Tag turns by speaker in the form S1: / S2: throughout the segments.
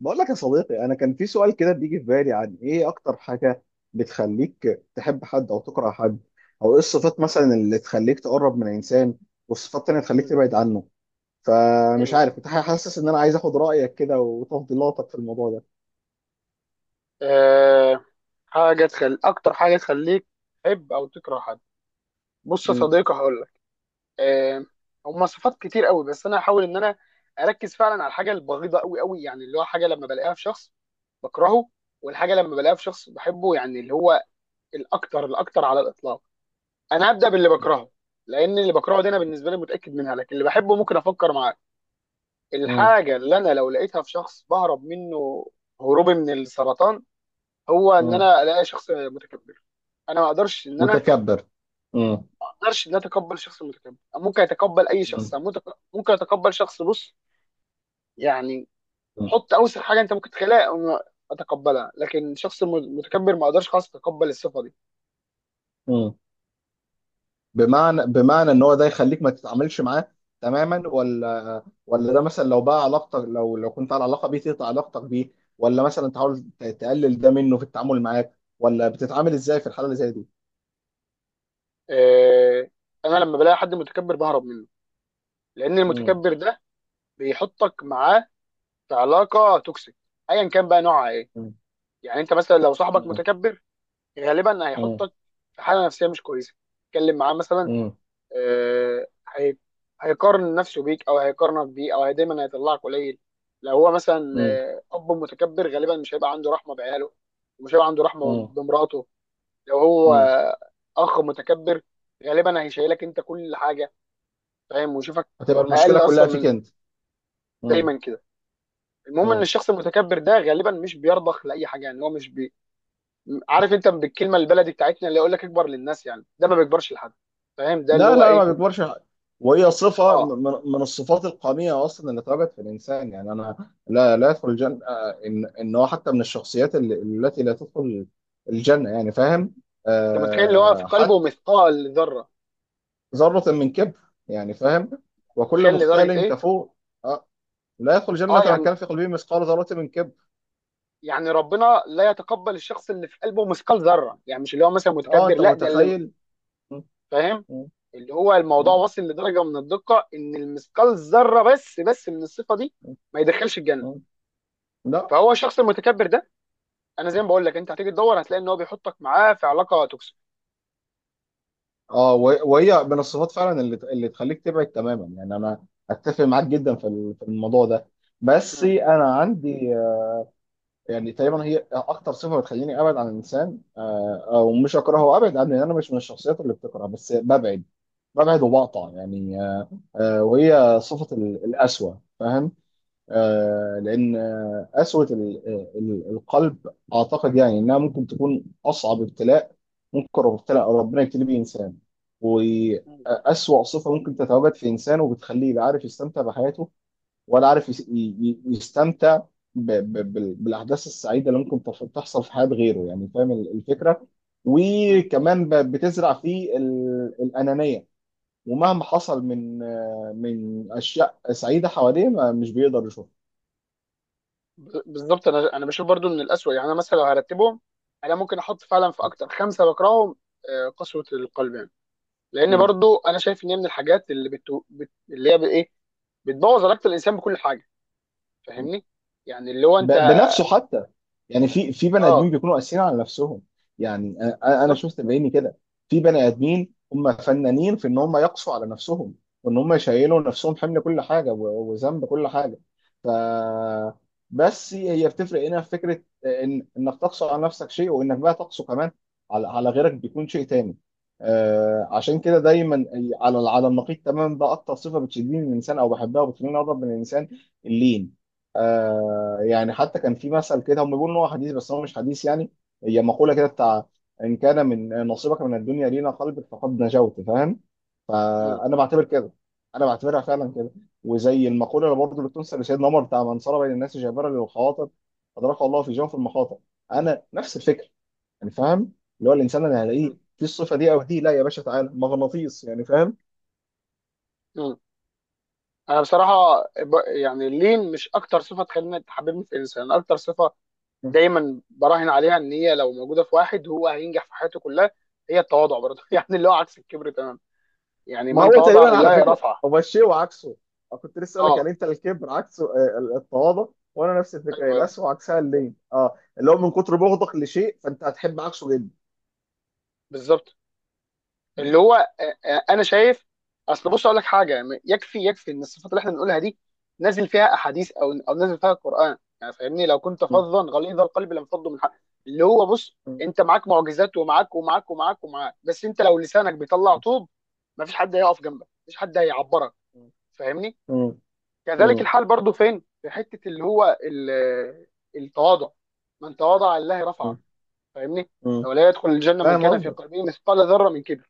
S1: بقول لك يا صديقي، انا كان في سؤال كده بيجي في بالي عن ايه اكتر حاجه بتخليك تحب حد او تكره حد، او ايه الصفات مثلا اللي تخليك تقرب من انسان، والصفات التانيه تخليك
S2: مم.
S1: تبعد عنه. فمش عارف،
S2: ايوه.
S1: كنت حاسس ان انا عايز اخد رايك كده وتفضيلاتك في الموضوع ده.
S2: أه حاجه تخلي اكتر حاجه تخليك تحب او تكره حد. بص يا
S1: مم.
S2: صديقي هقول لك. أه هم صفات كتير قوي، بس انا هحاول ان انا اركز فعلا على الحاجه البغيضه قوي قوي، يعني اللي هو حاجه لما بلاقيها في شخص بكرهه، والحاجه لما بلاقيها في شخص بحبه، يعني اللي هو الاكتر الاكتر على الاطلاق. انا هبدا باللي بكرهه، لان اللي بكرهه دي انا بالنسبه لي متاكد منها، لكن اللي بحبه ممكن افكر معاه.
S1: مم.
S2: الحاجه اللي انا لو لقيتها في شخص بهرب منه هروبي من السرطان، هو ان
S1: مم.
S2: انا الاقي شخص متكبر. انا ما اقدرش ان انا
S1: متكبر. مم.
S2: ما اقدرش ان أنا اتقبل شخص متكبر. ممكن اتقبل اي
S1: مم.
S2: شخص، ممكن اتقبل شخص، بص يعني، حط اوسخ حاجه انت ممكن تخلقها أو اتقبلها، لكن شخص متكبر ما اقدرش خالص اتقبل الصفه دي.
S1: مم. بمعنى ان هو ده يخليك ما تتعاملش معاه تماما، ولا ده مثلا، لو بقى علاقتك، لو كنت على علاقه بيه تقطع علاقتك بيه، ولا مثلا تحاول تقلل ده منه في التعامل معاك، ولا بتتعامل ازاي في الحاله اللي زي دي؟
S2: آه، انا لما بلاقي حد متكبر بهرب منه، لان
S1: مم.
S2: المتكبر ده بيحطك معاه في علاقه توكسيك ايا كان بقى نوعها ايه.
S1: مم.
S2: يعني انت مثلا لو صاحبك
S1: مم.
S2: متكبر غالبا
S1: مم.
S2: هيحطك في حاله نفسيه مش كويسه. اتكلم معاه مثلا،
S1: مم.
S2: آه، هي- هيقارن نفسه بيك، او هيقارنك بيه، او هي دايما هيطلعك قليل. لو هو مثلا اب متكبر غالبا مش هيبقى عنده رحمه بعياله، ومش هيبقى عنده رحمه
S1: مم.
S2: بمراته. لو هو
S1: مم.
S2: اخ متكبر غالبا هيشيلك انت كل حاجه، فاهم، ويشوفك
S1: هتبقى المشكله
S2: اقل
S1: كلها
S2: اصلا
S1: فيك
S2: من
S1: انت. مم.
S2: دايما كده. المهم ان
S1: مم.
S2: الشخص المتكبر ده غالبا مش بيرضخ لاي حاجه. يعني هو مش بي... عارف انت بالكلمه البلدي بتاعتنا اللي يقول لك اكبر للناس، يعني ده ما بيكبرش لحد، فاهم، ده اللي
S1: لا
S2: هو
S1: لا، ما
S2: ايه.
S1: بيكبرش حاجة. وهي صفة
S2: اه،
S1: من الصفات القمية أصلا اللي اتربت في الإنسان. يعني أنا لا لا يدخل الجنة، إن هو حتى من الشخصيات التي لا تدخل الجنة، يعني فاهم.
S2: انت متخيل اللي هو في قلبه
S1: حتى
S2: مثقال ذره،
S1: ذرة من كبر، يعني فاهم،
S2: انت
S1: وكل
S2: متخيل لدرجه
S1: مختال
S2: ايه؟
S1: كفور. آه، لا يدخل الجنة
S2: اه
S1: من
S2: يعني،
S1: كان في قلبه مثقال ذرة من كبر.
S2: يعني ربنا لا يتقبل الشخص اللي في قلبه مثقال ذره، يعني مش اللي هو مثلا متكبر،
S1: أنت
S2: لا، ده اللي
S1: متخيل. م-
S2: فاهم،
S1: م-
S2: اللي هو الموضوع
S1: م-
S2: واصل لدرجه من الدقه ان المثقال ذره بس بس من الصفه دي ما يدخلش الجنه.
S1: م- لا.
S2: فهو الشخص المتكبر ده انا زي ما بقول لك انت هتيجي تدور هتلاقي ان هو بيحطك معاه في علاقه توكسيك.
S1: اه، وهي من الصفات فعلا اللي تخليك تبعد تماما. يعني انا اتفق معاك جدا في في الموضوع ده. بس
S2: مم.
S1: انا عندي يعني تقريبا هي اكتر صفه بتخليني ابعد عن الانسان. او مش اكرهه، ابعد عنه. يعني انا مش من الشخصيات اللي بتكره، بس ببعد، ببعد وبقطع. يعني وهي صفه القسوه. لان قسوه القلب، اعتقد يعني انها ممكن تكون اصعب ابتلاء. ابتلاء ربنا يبتلي بيه انسان،
S2: مم.
S1: واسوأ صفه ممكن تتواجد في انسان، وبتخليه لا عارف يستمتع بحياته، ولا عارف يستمتع بالاحداث السعيده اللي ممكن تحصل في حياه غيره. يعني فاهم الفكره.
S2: مم.
S1: وكمان بتزرع فيه الانانيه. ومهما حصل من اشياء سعيده حواليه، مش بيقدر يشوفها.
S2: بالظبط انا بشوف برضو من الاسوء. يعني انا مثلا لو هرتبهم انا ممكن احط فعلا في اكتر خمسه بكرههم قسوه القلب. يعني لان
S1: مم.
S2: برضو انا شايف ان هي من الحاجات اللي هي بايه بتبوظ علاقه الانسان بكل حاجه، فاهمني، يعني اللي هو انت.
S1: بنفسه حتى. يعني في بني ادمين
S2: اه،
S1: بيكونوا قاسيين على نفسهم. يعني انا
S2: بالظبط.
S1: شفت بعيني كده، في بني ادمين هم فنانين في ان هم يقسوا على نفسهم، وان هم يشيلوا نفسهم حمل كل حاجه وذنب كل حاجه. ف بس هي بتفرق هنا في فكره ان انك تقسو على نفسك شيء، وانك بقى تقسو كمان على غيرك بيكون شيء تاني. آه، عشان كده دايما على النقيض تماما، بقى اكتر صفه بتشدني من الانسان او بحبها وبتخليني اقرب من الانسان، اللين. آه، يعني حتى كان في مثل كده، هم بيقولوا ان هو حديث بس هو مش حديث، يعني هي مقوله كده بتاع: ان كان من نصيبك من الدنيا لينا قلبك فقد نجوت، فاهم.
S2: مم.
S1: فانا بعتبر كده، انا بعتبرها فعلا كده. وزي المقوله اللي برضه اللي بتنسب لسيدنا عمر بتاع: من صار بين الناس جابرا للخواطر ادركه الله في جوف المخاطر. انا نفس الفكره، يعني فاهم. اللي هو الانسان اللي
S2: مم.
S1: هلاقيه في الصفه دي او دي، لا يا باشا تعالى مغناطيس، يعني فاهم.
S2: مم. يعني اللين مش اكتر صفه تخليني تحببني في الانسان. أنا اكتر صفه دايما براهن عليها ان هي لو موجوده في واحد هو هينجح في حياته كلها، هي التواضع برضه يعني اللي هو عكس الكبر تمام. يعني
S1: ما
S2: من
S1: هو
S2: تواضع
S1: تقريبا على
S2: لله
S1: فكره
S2: رفعه.
S1: هو الشيء وعكسه. أنا كنت لسه اقول لك،
S2: اه.
S1: يعني انت الكبر عكسه التواضع. وانا نفس الفكره،
S2: ايوه ايوه،
S1: القسوه وعكسها اللين، اه، اللي هو من كتر بغضك لشيء فانت هتحب عكسه جدا.
S2: بالظبط.
S1: م-
S2: اللي هو انا شايف، اصل بص اقول لك حاجه، يكفي يكفي ان الصفات اللي احنا بنقولها دي نازل فيها احاديث او نازل فيها القران، يعني فاهمني، لو كنت
S1: م-
S2: فظا غليظ القلب لم فضوا من حق. اللي هو بص،
S1: م-
S2: انت معاك معجزات، ومعاك ومعاك ومعاك ومعاك، بس انت لو لسانك بيطلع طوب مفيش حد هيقف جنبك، مفيش حد هيعبرك، فاهمني.
S1: م-
S2: كذلك
S1: م-
S2: الحال برضو فين في حته، اللي هو التواضع. من تواضع لله
S1: م-
S2: رفعه، فاهمني.
S1: م-
S2: ولا يدخل الجنه من
S1: فاهم
S2: كان في
S1: قصدك.
S2: قلبه مثقال ذره من كبر.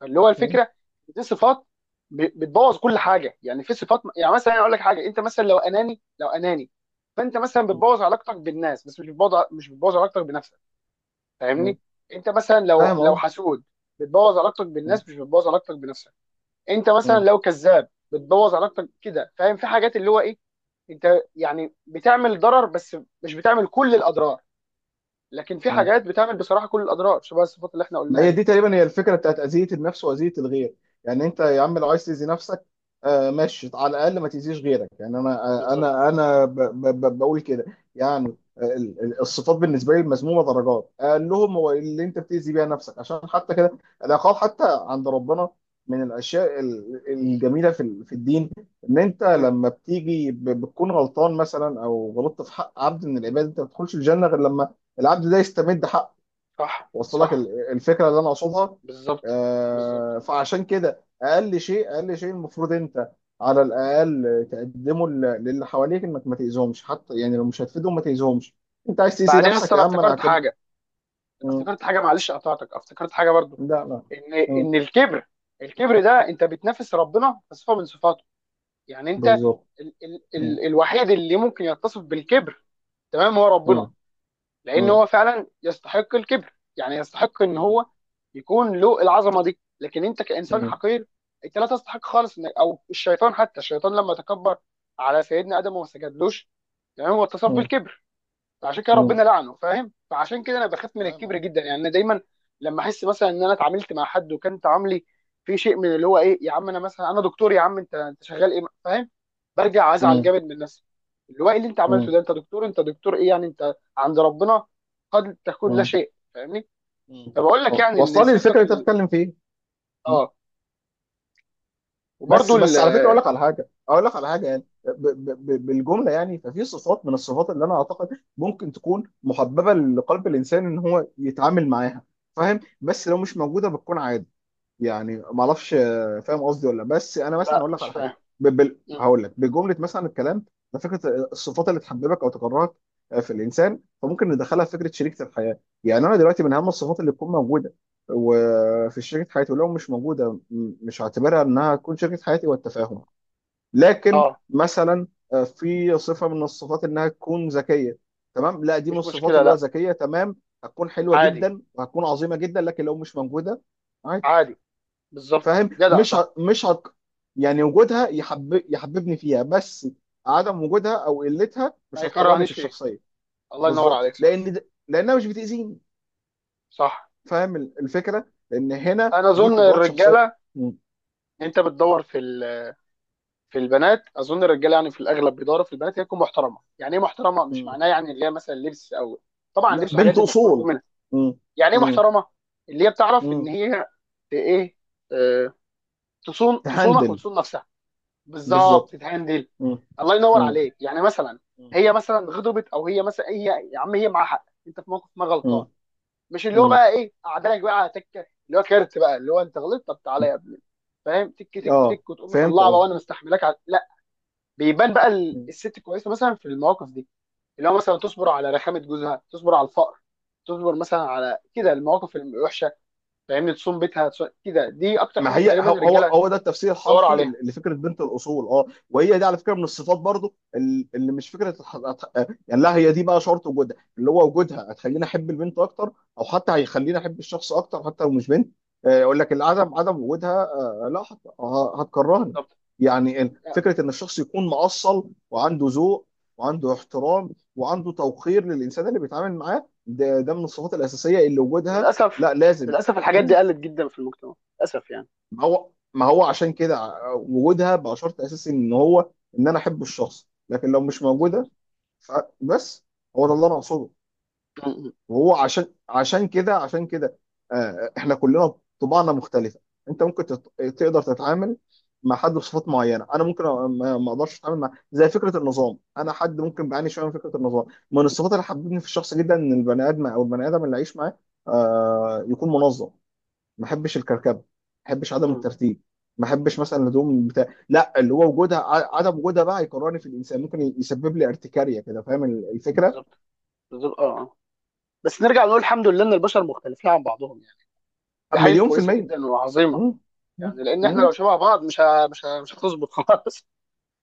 S2: فاللي هو
S1: م-
S2: الفكره، دي صفات بتبوظ كل حاجه. يعني في صفات، يعني مثلا اقول لك حاجه، انت مثلا لو اناني، لو اناني، فانت مثلا بتبوظ علاقتك بالناس، بس مش مش بتبوظ علاقتك بنفسك،
S1: م-
S2: فاهمني. انت مثلا لو
S1: فاهم
S2: لو
S1: قصدك.
S2: حسود بتبوظ علاقتك بالناس، مش بتبوظ علاقتك بنفسك. انت مثلا
S1: م-
S2: لو كذاب بتبوظ علاقتك كده، فاهم، في حاجات اللي هو ايه انت يعني بتعمل ضرر بس، مش بتعمل كل الاضرار. لكن في
S1: م-
S2: حاجات بتعمل بصراحه كل الاضرار شبه الصفات اللي احنا
S1: ما
S2: قلناها
S1: هي
S2: دي.
S1: دي تقريبا هي الفكره بتاعت اذيه النفس واذيه الغير. يعني انت يا عم لو عايز تاذي نفسك، آه ماشي، على الاقل ما تاذيش غيرك. يعني انا آه،
S2: بالظبط.
S1: انا انا ب ب ب بقول كده. يعني الصفات بالنسبه لي المذمومه درجات اقل لهم، هو اللي انت بتاذي بيها نفسك. عشان حتى كده العقاب حتى عند ربنا من الاشياء الجميله في في الدين، ان انت
S2: مم.
S1: لما بتيجي بتكون غلطان مثلا، او غلطت في حق عبد من العباد، انت ما بتدخلش الجنه غير لما العبد ده يستمد حقه.
S2: صح
S1: وصل لك
S2: صح.
S1: الفكره اللي انا اقصدها؟
S2: بالظبط. بالظبط.
S1: فعشان كده اقل شيء، اقل شيء المفروض انت على الاقل تقدمه للي حواليك، انك ما تاذيهمش. حتى يعني لو مش هتفيدهم ما تاذيهمش. انت عايز تاذي
S2: بعدين
S1: نفسك
S2: اصل انا
S1: يا عم انا
S2: افتكرت
S1: هعتبر.
S2: حاجه، انا
S1: مم.
S2: افتكرت حاجه، معلش قطعتك افتكرت حاجه برضو،
S1: لا لا.
S2: ان
S1: مم.
S2: ان الكبر ده انت بتنافس ربنا في صفه من صفاته. يعني انت
S1: بالظبط.
S2: ال ال
S1: مم.
S2: ال الوحيد اللي ممكن يتصف بالكبر تمام هو ربنا،
S1: مم.
S2: لان
S1: مم.
S2: هو فعلا يستحق الكبر، يعني يستحق ان
S1: مم.
S2: هو يكون له العظمه دي. لكن انت كانسان
S1: مم.
S2: حقير انت لا تستحق خالص انك، او الشيطان، حتى الشيطان لما تكبر على سيدنا ادم وما سجدلوش، يعني هو اتصف
S1: مم.
S2: بالكبر فعشان كده
S1: مم.
S2: ربنا لعنه، فاهم. فعشان كده انا بخاف من
S1: فاهم.
S2: الكبر جدا. يعني انا دايما لما احس مثلا ان انا اتعاملت مع حد وكان تعاملي في شيء من اللي هو ايه، يا عم انا مثلا انا دكتور، يا عم انت شغال ايه، فاهم، برجع ازعل
S1: مم.
S2: جامد من نفسي، اللي هو ايه اللي انت عملته
S1: مم.
S2: ده، انت دكتور، انت دكتور ايه، يعني انت عند ربنا قد تكون لا
S1: مم.
S2: شيء، فاهمني. فبقول لك يعني ان
S1: واصله لي الفكره
S2: صفه
S1: اللي انت
S2: ال...
S1: بتتكلم فيها.
S2: اه. وبرده
S1: بس
S2: ال...
S1: بس على فكره، اقول لك على حاجه، يعني ب ب ب بالجمله. يعني ففي صفات من الصفات اللي انا اعتقد ممكن تكون محببه لقلب الانسان ان هو يتعامل معاها، فاهم. بس لو مش موجوده بتكون عادي. يعني ما اعرفش، آه، فاهم قصدي ولا لأ. بس انا مثلا
S2: لا
S1: هقول لك
S2: مش
S1: على حاجه.
S2: فاهم. مم.
S1: هقول لك بجمله مثلا. الكلام ده فكره الصفات اللي تحببك او تكرهك في الانسان. فممكن ندخلها في فكره شريكه الحياه. يعني انا دلوقتي من اهم الصفات اللي تكون موجوده وفي شريكه حياتي، ولو مش موجوده مش هعتبرها انها تكون شريكه حياتي، والتفاهم. لكن
S2: اه.
S1: مثلا في صفه من الصفات انها تكون ذكيه. تمام، لا، دي من
S2: مش
S1: الصفات
S2: مشكله
S1: اللي هو
S2: لا.
S1: ذكيه تمام، هتكون حلوه
S2: عادي.
S1: جدا وهتكون عظيمه جدا. لكن لو مش موجوده عادي.
S2: عادي. بالظبط،
S1: فاهم،
S2: جدع،
S1: مش
S2: صح.
S1: ه... مش ه... يعني وجودها يحببني فيها. بس عدم وجودها او قلتها
S2: ما
S1: مش هتكرهني في
S2: يكرهنيش فيه.
S1: الشخصيه.
S2: الله ينور
S1: بالظبط،
S2: عليك، صح.
S1: لان لانها مش بتاذيني.
S2: صح.
S1: فاهم الفكره، لان هنا
S2: انا
S1: دي
S2: اظن
S1: قدرات شخصيه.
S2: الرجاله،
S1: م.
S2: انت بتدور في ال- في البنات، اظن الرجاله يعني في الاغلب بيدوروا في البنات هي تكون محترمه. يعني ايه محترمه؟ مش
S1: م.
S2: معناه يعني اللي هي مثلا لبس او، طبعا
S1: لا،
S2: لبس والحاجات
S1: بنت
S2: دي مفروغ
S1: اصول.
S2: منها.
S1: م.
S2: يعني ايه
S1: م.
S2: محترمه؟ اللي هي بتعرف
S1: م.
S2: ان هي ت- ايه آه، تصون، تصونك
S1: تهندل.
S2: وتصون نفسها. بالظبط،
S1: بالظبط.
S2: تتهندل.
S1: م.
S2: الله ينور
S1: م.
S2: عليك. يعني مثلا
S1: م.
S2: هي مثلا غضبت، او هي مثلا هي يا عم هي معاها حق، انت في موقف ما
S1: م.
S2: غلطان، مش اللي هو
S1: م.
S2: بقى ايه قعدلك بقى على تكه اللي هو كارت بقى اللي هو انت غلطت، طب تعالى
S1: م.
S2: يا ابني فاهم، تك تك
S1: اه،
S2: تك، وتقوم
S1: فهمت
S2: مطلعه بقى
S1: قصدي.
S2: وانا مستحملك على... لا. بيبان بقى
S1: م.
S2: الست كويسه مثلا في المواقف دي، اللي هو مثلا تصبر على رخامه جوزها، تصبر على الفقر، تصبر مثلا على كده المواقف الوحشه، فاهمني، تصوم بيتها، تصوم... كده، دي اكتر
S1: ما
S2: حاجه
S1: هي،
S2: تقريبا
S1: هو هو
S2: الرجاله
S1: هو ده التفسير
S2: دوروا
S1: الحرفي
S2: عليها.
S1: لفكره بنت الاصول. اه، وهي دي على فكره من الصفات برضو اللي مش فكره يعني، لا هي دي بقى شرط وجودها، اللي هو وجودها هتخليني احب البنت اكتر، او حتى هيخليني احب الشخص اكتر حتى لو مش بنت. يقول لك العدم، عدم وجودها، لا هتكرهني.
S2: بالظبط.
S1: يعني فكره ان الشخص يكون مؤصل وعنده ذوق وعنده احترام وعنده توقير للانسان اللي بيتعامل معاه، ده ده من الصفات الاساسيه اللي وجودها
S2: وللاسف،
S1: لا لازم.
S2: للاسف الحاجات دي قلت جدا في المجتمع، للاسف يعني.
S1: ما هو عشان كده وجودها بقى شرط اساسي ان هو ان انا احب الشخص، لكن لو مش
S2: بالظبط.
S1: موجوده فبس. هو ده اللي انا اقصده.
S2: م-
S1: وهو عشان كده آه، احنا كلنا طباعنا مختلفه. انت ممكن تقدر تتعامل مع حد بصفات معينه، انا ممكن ما اقدرش اتعامل، مع زي فكره النظام. انا حد ممكن بعاني شويه من فكره النظام، من الصفات اللي حببتني في الشخص جدا ان البني ادم او البني ادم اللي عايش معاه يكون منظم. ما احبش الكركبه، ما احبش
S2: م-
S1: عدم
S2: م.
S1: الترتيب، ما احبش مثلا الهدوم بتاع، لا. اللي هو وجودها، عدم وجودها بقى يكرهني في الانسان، ممكن يسبب لي ارتكاريه كده. فاهم الفكره.
S2: بالظبط. بالظبط. اه. آه. بس نرجع نقول الحمد لله ان البشر مختلفين عن بعضهم، يعني دي حاجه
S1: مليون في
S2: كويسه
S1: الميه
S2: جدا وعظيمه.
S1: مم. مم.
S2: يعني لان احنا لو
S1: مم.
S2: شبه بعض مش هتظبط خلاص.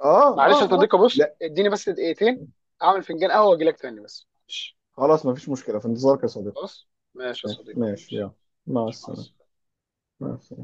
S1: اه اه
S2: معلش يا
S1: اه،
S2: صديقي، بص
S1: لا
S2: اديني بس دقيقتين اعمل فنجان قهوه واجي لك تاني، بس معلش.
S1: خلاص، ما فيش مشكله، في انتظارك يا صديقي.
S2: خلاص. ماشي يا
S1: ماشي
S2: صديقي،
S1: ماشي
S2: ماشي.
S1: يلا. مع
S2: ماشي. مع
S1: السلامه.
S2: السلامه.
S1: مع السلامه.